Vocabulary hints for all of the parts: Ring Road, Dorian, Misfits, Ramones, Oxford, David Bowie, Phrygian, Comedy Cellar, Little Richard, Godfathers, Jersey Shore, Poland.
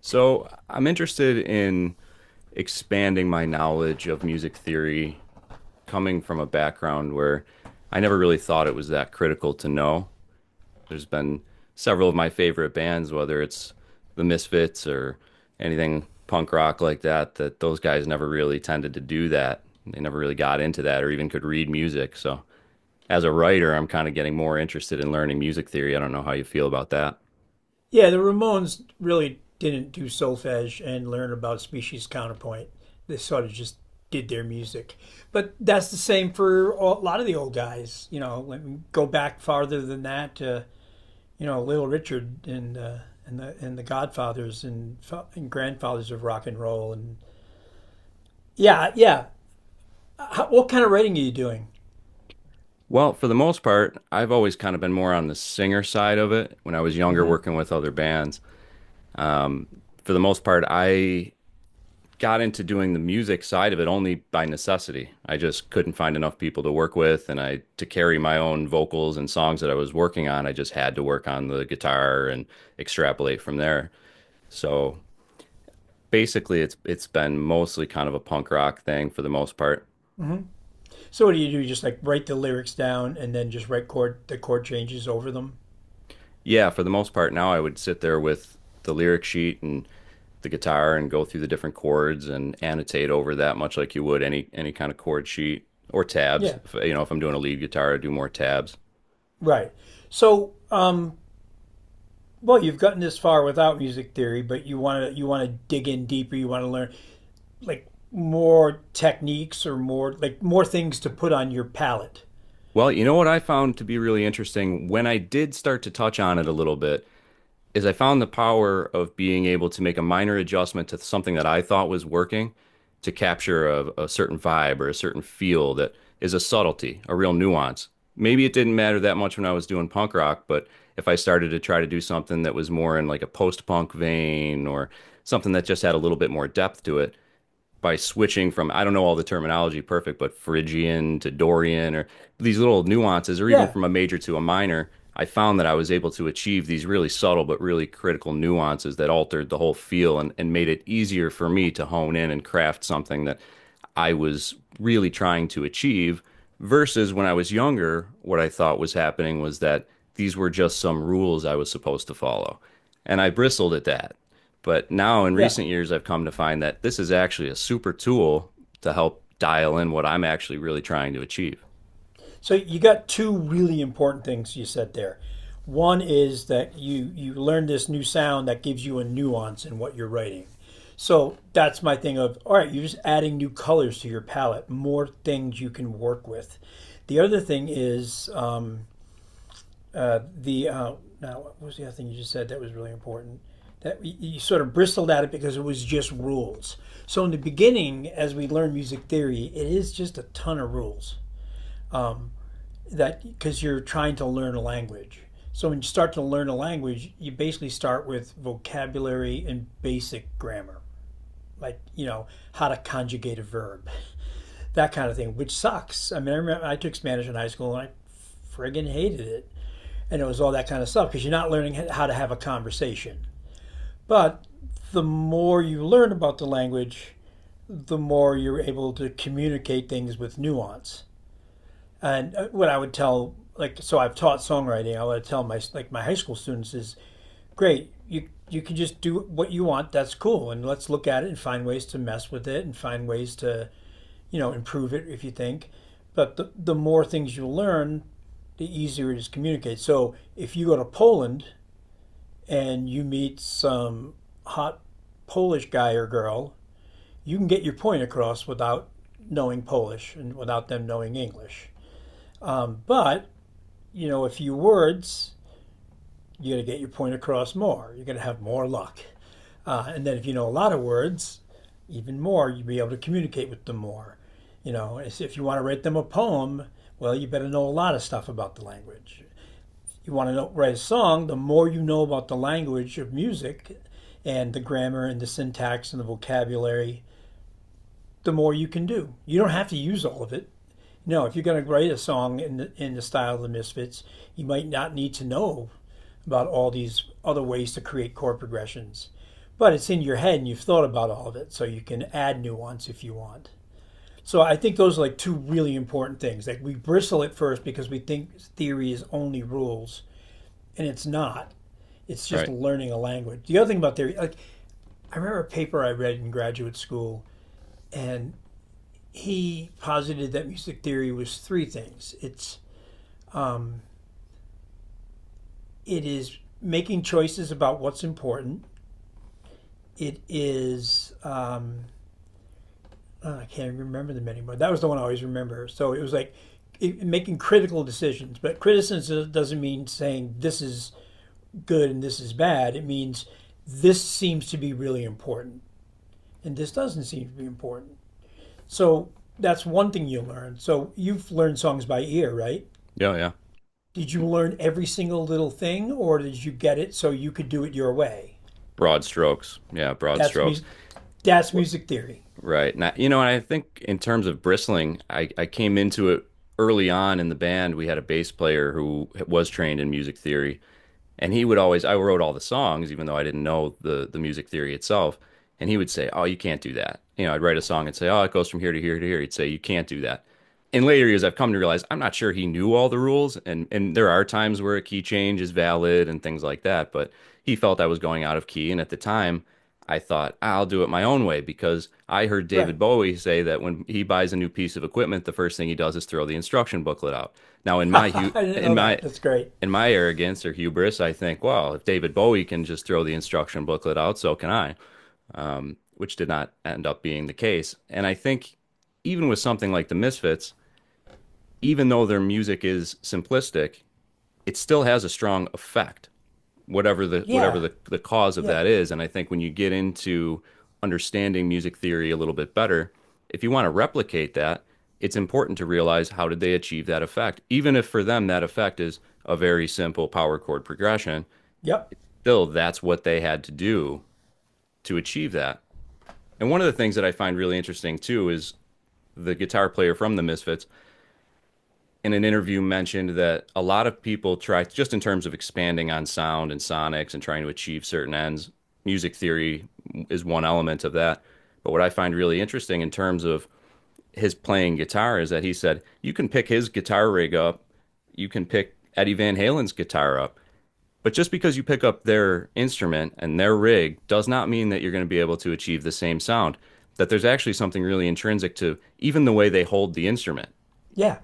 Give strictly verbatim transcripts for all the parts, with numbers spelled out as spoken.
So I'm interested in expanding my knowledge of music theory, coming from a background where I never really thought it was that critical to know. There's been several of my favorite bands, whether it's the Misfits or anything punk rock like that, that those guys never really tended to do that. They never really got into that or even could read music. So as a writer, I'm kind of getting more interested in learning music theory. I don't know how you feel about that. Yeah, the Ramones really didn't do solfege and learn about species counterpoint. They sort of just did their music. But that's the same for a lot of the old guys. You know, let me go back farther than that to, you know, Little Richard and, uh, and, the, and the Godfathers and, and grandfathers of rock and roll. And yeah, yeah. How, what kind of writing are you doing? Well, for the most part, I've always kind of been more on the singer side of it when I was younger Mm-hmm. working with other bands. Um, for the most part, I got into doing the music side of it only by necessity. I just couldn't find enough people to work with, and I to carry my own vocals and songs that I was working on, I just had to work on the guitar and extrapolate from there. So basically, it's it's been mostly kind of a punk rock thing for the most part. Mm-hmm. So what do you do? You just like write the lyrics down and then just write chord the chord changes over them. Yeah, for the most part now I would sit there with the lyric sheet and the guitar and go through the different chords and annotate over that much like you would any any kind of chord sheet or tabs. Yeah. If, you know, if I'm doing a lead guitar, I do more tabs. Right. So, um, well, you've gotten this far without music theory, but you want to you want to dig in deeper. You want to learn like more techniques or more like more things to put on your palette. Well, you know what I found to be really interesting when I did start to touch on it a little bit is I found the power of being able to make a minor adjustment to something that I thought was working to capture a, a certain vibe or a certain feel that is a subtlety, a real nuance. Maybe it didn't matter that much when I was doing punk rock, but if I started to try to do something that was more in like a post-punk vein or something that just had a little bit more depth to it, by switching from I don't know all the terminology perfect, but Phrygian to Dorian or these little nuances, or even Yeah, from a major to a minor, I found that I was able to achieve these really subtle but really critical nuances that altered the whole feel and, and made it easier for me to hone in and craft something that I was really trying to achieve. Versus when I was younger, what I thought was happening was that these were just some rules I was supposed to follow. And I bristled at that, but now in yeah. recent years, I've come to find that this is actually a super tool to help dial in what I'm actually really trying to achieve. So you got two really important things you said there. One is that you you learn this new sound that gives you a nuance in what you're writing. So that's my thing of all right, you're just adding new colors to your palette, more things you can work with. The other thing is um, Uh, the uh, now what was the other thing you just said that was really important? That you sort of bristled at it because it was just rules. So in the beginning, as we learn music theory, it is just a ton of rules that because you're trying to learn a language. So when you start to learn a language, you basically start with vocabulary and basic grammar, like you know how to conjugate a verb, that kind of thing, which sucks. I mean, I remember I took Spanish in high school and I friggin' hated it. And it was all that kind of stuff because you're not learning how to have a conversation. But the more you learn about the language, the more you're able to communicate things with nuance. And uh, what I would tell, like, so I've taught songwriting. I would tell my like my high school students is great. You you can just do what you want. That's cool. And let's look at it and find ways to mess with it and find ways to you know improve it if you think. But the the more things you learn, the easier it is to communicate. So if you go to Poland and you meet some hot Polish guy or girl, you can get your point across without knowing Polish and without them knowing English. But, you know, a few words, you're going to get your point across more. You're going to have more luck. Uh, and then if you know a lot of words, even more, you'll be able to communicate with them more. You know, if if you want to write them a poem, well, you better know a lot of stuff about the language. You want to write a song, the more you know about the language of music and the grammar and the syntax and the vocabulary, the more you can do. You don't have to use all of it. No, if you're going to write a song in the, in the style of the Misfits, you might not need to know about all these other ways to create chord progressions. But it's in your head and you've thought about all of it, so you can add nuance if you want. So I think those are like two really important things. Like we bristle at first because we think theory is only rules, and it's not. It's just Right. learning a language. The other thing about theory, like I remember a paper I read in graduate school, and he posited that music theory was three things. It's um, it is making choices about what's important. It is um, oh, I can't remember them anymore. That was the one I always remember. So it was like it, making critical decisions. But criticism doesn't mean saying this is good and this is bad. It means this seems to be really important and this doesn't seem to be important. So that's one thing you learn. So you've learned songs by ear, right? Yeah. Yeah. Did you learn every single little thing, or did you get it so you could do it your way? Broad strokes. Yeah. Broad That's strokes. music. That's What? music theory, Right. Now, you know, and I think in terms of bristling, I, I came into it early on in the band. We had a bass player who was trained in music theory. And he would always, I wrote all the songs, even though I didn't know the the music theory itself. And he would say, "Oh, you can't do that." You know, I'd write a song and say, "Oh, it goes from here to here to here." He'd say, "You can't do that." In later years, I've come to realize I'm not sure he knew all the rules, and and there are times where a key change is valid and things like that. But he felt I was going out of key, and at the time, I thought I'll do it my own way because I heard right? David Bowie say that when he buys a new piece of equipment, the first thing he does is throw the instruction booklet out. Now, in my I hu- didn't in know my that. That's great. in my arrogance or hubris, I think, well, if David Bowie can just throw the instruction booklet out, so can I, um, which did not end up being the case. And I think even with something like the Misfits, even though their music is simplistic, it still has a strong effect, whatever the whatever Yeah, the, the cause of yeah, that is. And I think when you get into understanding music theory a little bit better, if you want to replicate that, it's important to realize how did they achieve that effect. Even if for them that effect is a very simple power chord progression, yep, still that's what they had to do to achieve that. And one of the things that I find really interesting too is the guitar player from the Misfits in an interview mentioned that a lot of people try just in terms of expanding on sound and sonics and trying to achieve certain ends. Music theory is one element of that. But what I find really interesting in terms of his playing guitar is that he said you can pick his guitar rig up, you can pick Eddie Van Halen's guitar up, but just because you pick up their instrument and their rig does not mean that you're going to be able to achieve the same sound. That there's actually something really intrinsic to even the way they hold the instrument, yeah.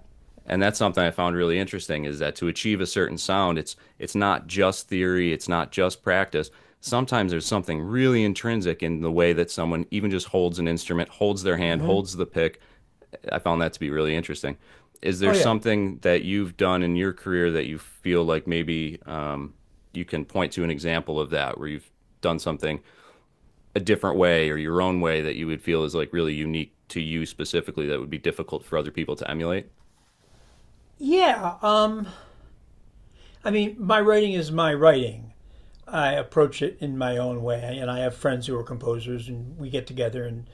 and that's something I found really interesting is that to achieve a certain sound, it's it's not just theory, it's not just practice. Sometimes there's something really intrinsic in the way that someone even just holds an instrument, holds their hand, holds the pick. I found that to be really interesting. Is Oh there yeah, something that you've done in your career that you feel like maybe um, you can point to an example of that where you've done something a different way or your own way that you would feel is like really unique to you specifically that would be difficult for other people to emulate? yeah. Um, I mean, my writing is my writing. I approach it in my own way, and I have friends who are composers, and we get together and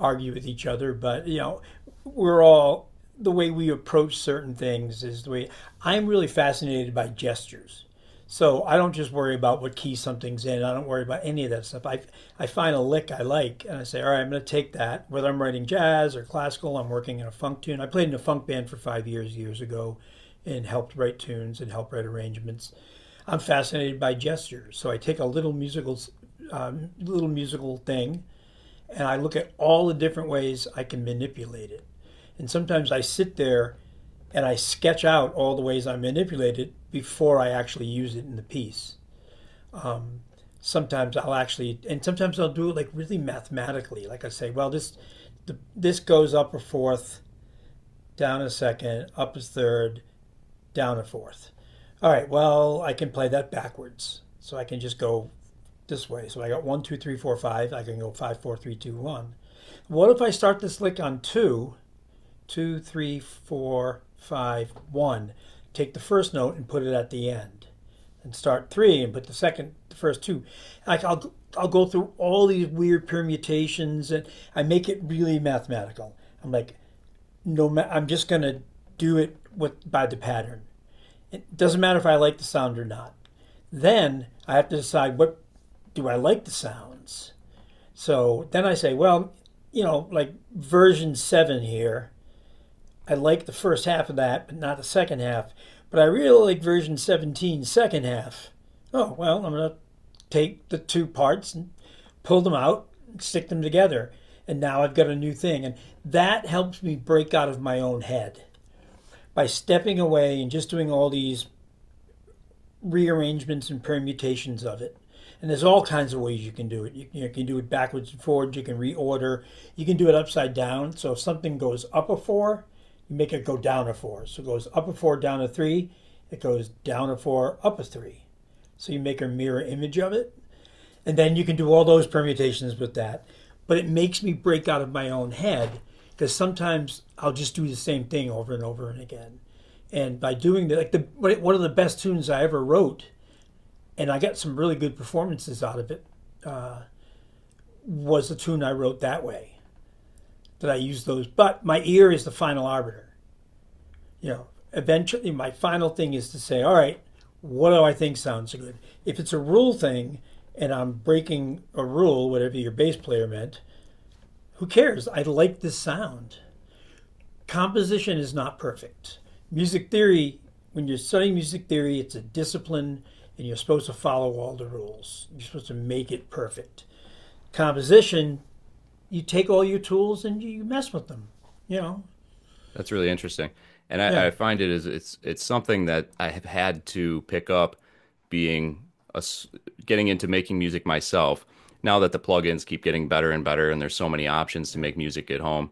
argue with each other. But you know, we're all the way we approach certain things is the way I'm really fascinated by gestures. So I don't just worry about what key something's in. I don't worry about any of that stuff. I I find a lick I like, and I say, all right, I'm going to take that. Whether I'm writing jazz or classical, I'm working in a funk tune. I played in a funk band for five years years ago, and helped write tunes and helped write arrangements. I'm fascinated by gestures, so I take a little musical, um, little musical thing, and I look at all the different ways I can manipulate it. And sometimes I sit there and I sketch out all the ways I manipulate it before I actually use it in the piece. Um, sometimes I'll actually, and sometimes I'll do it like really mathematically. Like I say, well, this, the, this goes up a fourth, down a second, up a third, down a fourth. All right, well, I can play that backwards. So I can just go this way. So I got one, two, three, four, five. I can go five, four, three, two, one. What if I start this lick on two, two, three, four, five, one? Take the first note and put it at the end, and start three and put the second, the first two. Like I'll I'll go through all these weird permutations and I make it really mathematical. I'm like, no, I'm just gonna do it with by the pattern. It doesn't matter if I like the sound or not. Then I have to decide what do I like the sounds so then I say, well, you know, like version seven here, I like the first half of that, but not the second half. But I really like version seventeen second half. Oh, well, I'm going to take the two parts and pull them out and stick them together. And now I've got a new thing. And that helps me break out of my own head by stepping away and just doing all these rearrangements and permutations of it. And there's all kinds of ways you can do it. You, you can do it backwards and forwards. You can reorder. You can do it upside down. So if something goes up a four, you make it go down a four. So it goes up a four, down a three. It goes down a four, up a three. So you make a mirror image of it. And then you can do all those permutations with that. But it makes me break out of my own head because sometimes I'll just do the same thing over and over and again. And by doing that, like the one of the best tunes I ever wrote and I got some really good performances out of it, was the tune I wrote that way, that I used those. But my ear is the final arbiter. You know, eventually my final thing is to say, all right, what do I think sounds good? If it's a rule thing and I'm breaking a rule, whatever your bass player meant, who cares? I like this sound. Composition is not perfect. Music theory, when you're studying music theory, it's a discipline and you're supposed to follow all the rules. You're supposed to make it perfect. Composition, you take all your tools and you mess with them. You know, That's really interesting. And I, yeah, I find it is it's it's something that I have had to pick up being a s getting into making music myself. Now that the plugins keep getting better and better and there's so many options to yeah, make music at home,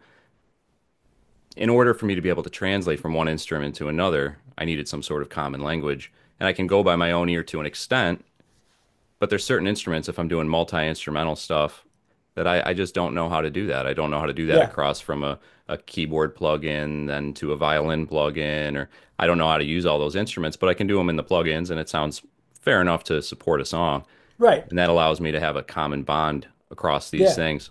in order for me to be able to translate from one instrument to another, I needed some sort of common language. And I can go by my own ear to an extent, but there's certain instruments if I'm doing multi-instrumental stuff that I, I just don't know how to do that. I don't know how to do that yeah, across from a, a keyboard plugin then to a violin plugin, or I don't know how to use all those instruments, but I can do them in the plugins and it sounds fair enough to support a song. right, And that allows me to have a common bond across these yeah. things.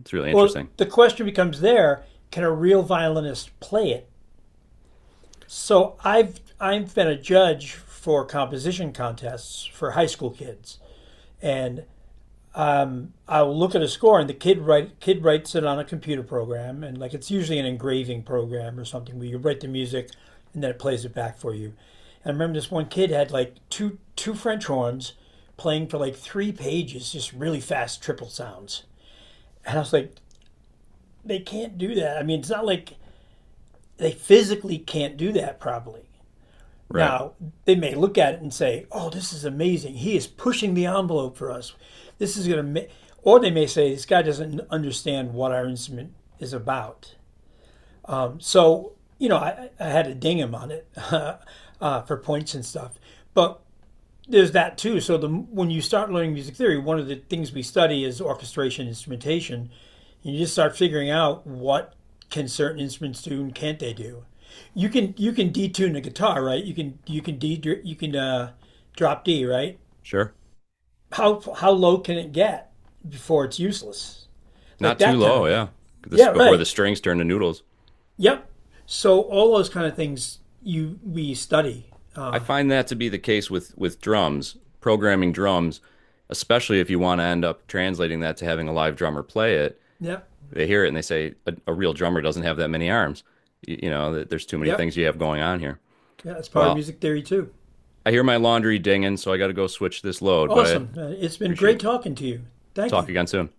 It's really Well, interesting. the question becomes there: can a real violinist play it? So I've I've been a judge for composition contests for high school kids, and um, I'll look at a score, and the kid write kid writes it on a computer program, and like it's usually an engraving program or something where you write the music, and then it plays it back for you. And I remember this one kid had like two two French horns playing for like three pages, just really fast triple sounds, and I was like, they can't do that. I mean, it's not like they physically can't do that probably, Right. now, they may look at it and say, oh, this is amazing. He is pushing the envelope for us. This is going to or they may say, this guy doesn't understand what our instrument is about. So, you know, I, I had to ding him on it uh, for points and stuff. But there's that too. So the when you start learning music theory, one of the things we study is orchestration, instrumentation. And you just start figuring out what can certain instruments do and can't they do. You can you can detune the guitar, right? You can you can de you can uh, drop D, right? Sure. How how low can it get before it's useless? Like Not too that kind low. of thing. Yeah. This Yeah, before the right. strings turn to noodles. Yep. So all those kind of things you we study. I Uh, find that to be the case with with drums, programming drums, especially if you want to end up translating that to having a live drummer play it. yep. They hear it and they say a, a real drummer doesn't have that many arms. You, you know, there's too many Yep. things you have going on here. Yeah, it's part of Well, music theory too. I hear my laundry dinging, so I got to go switch this load, but I Awesome. Uh, It's been appreciate great it. talking to you. Thank Talk you. again soon.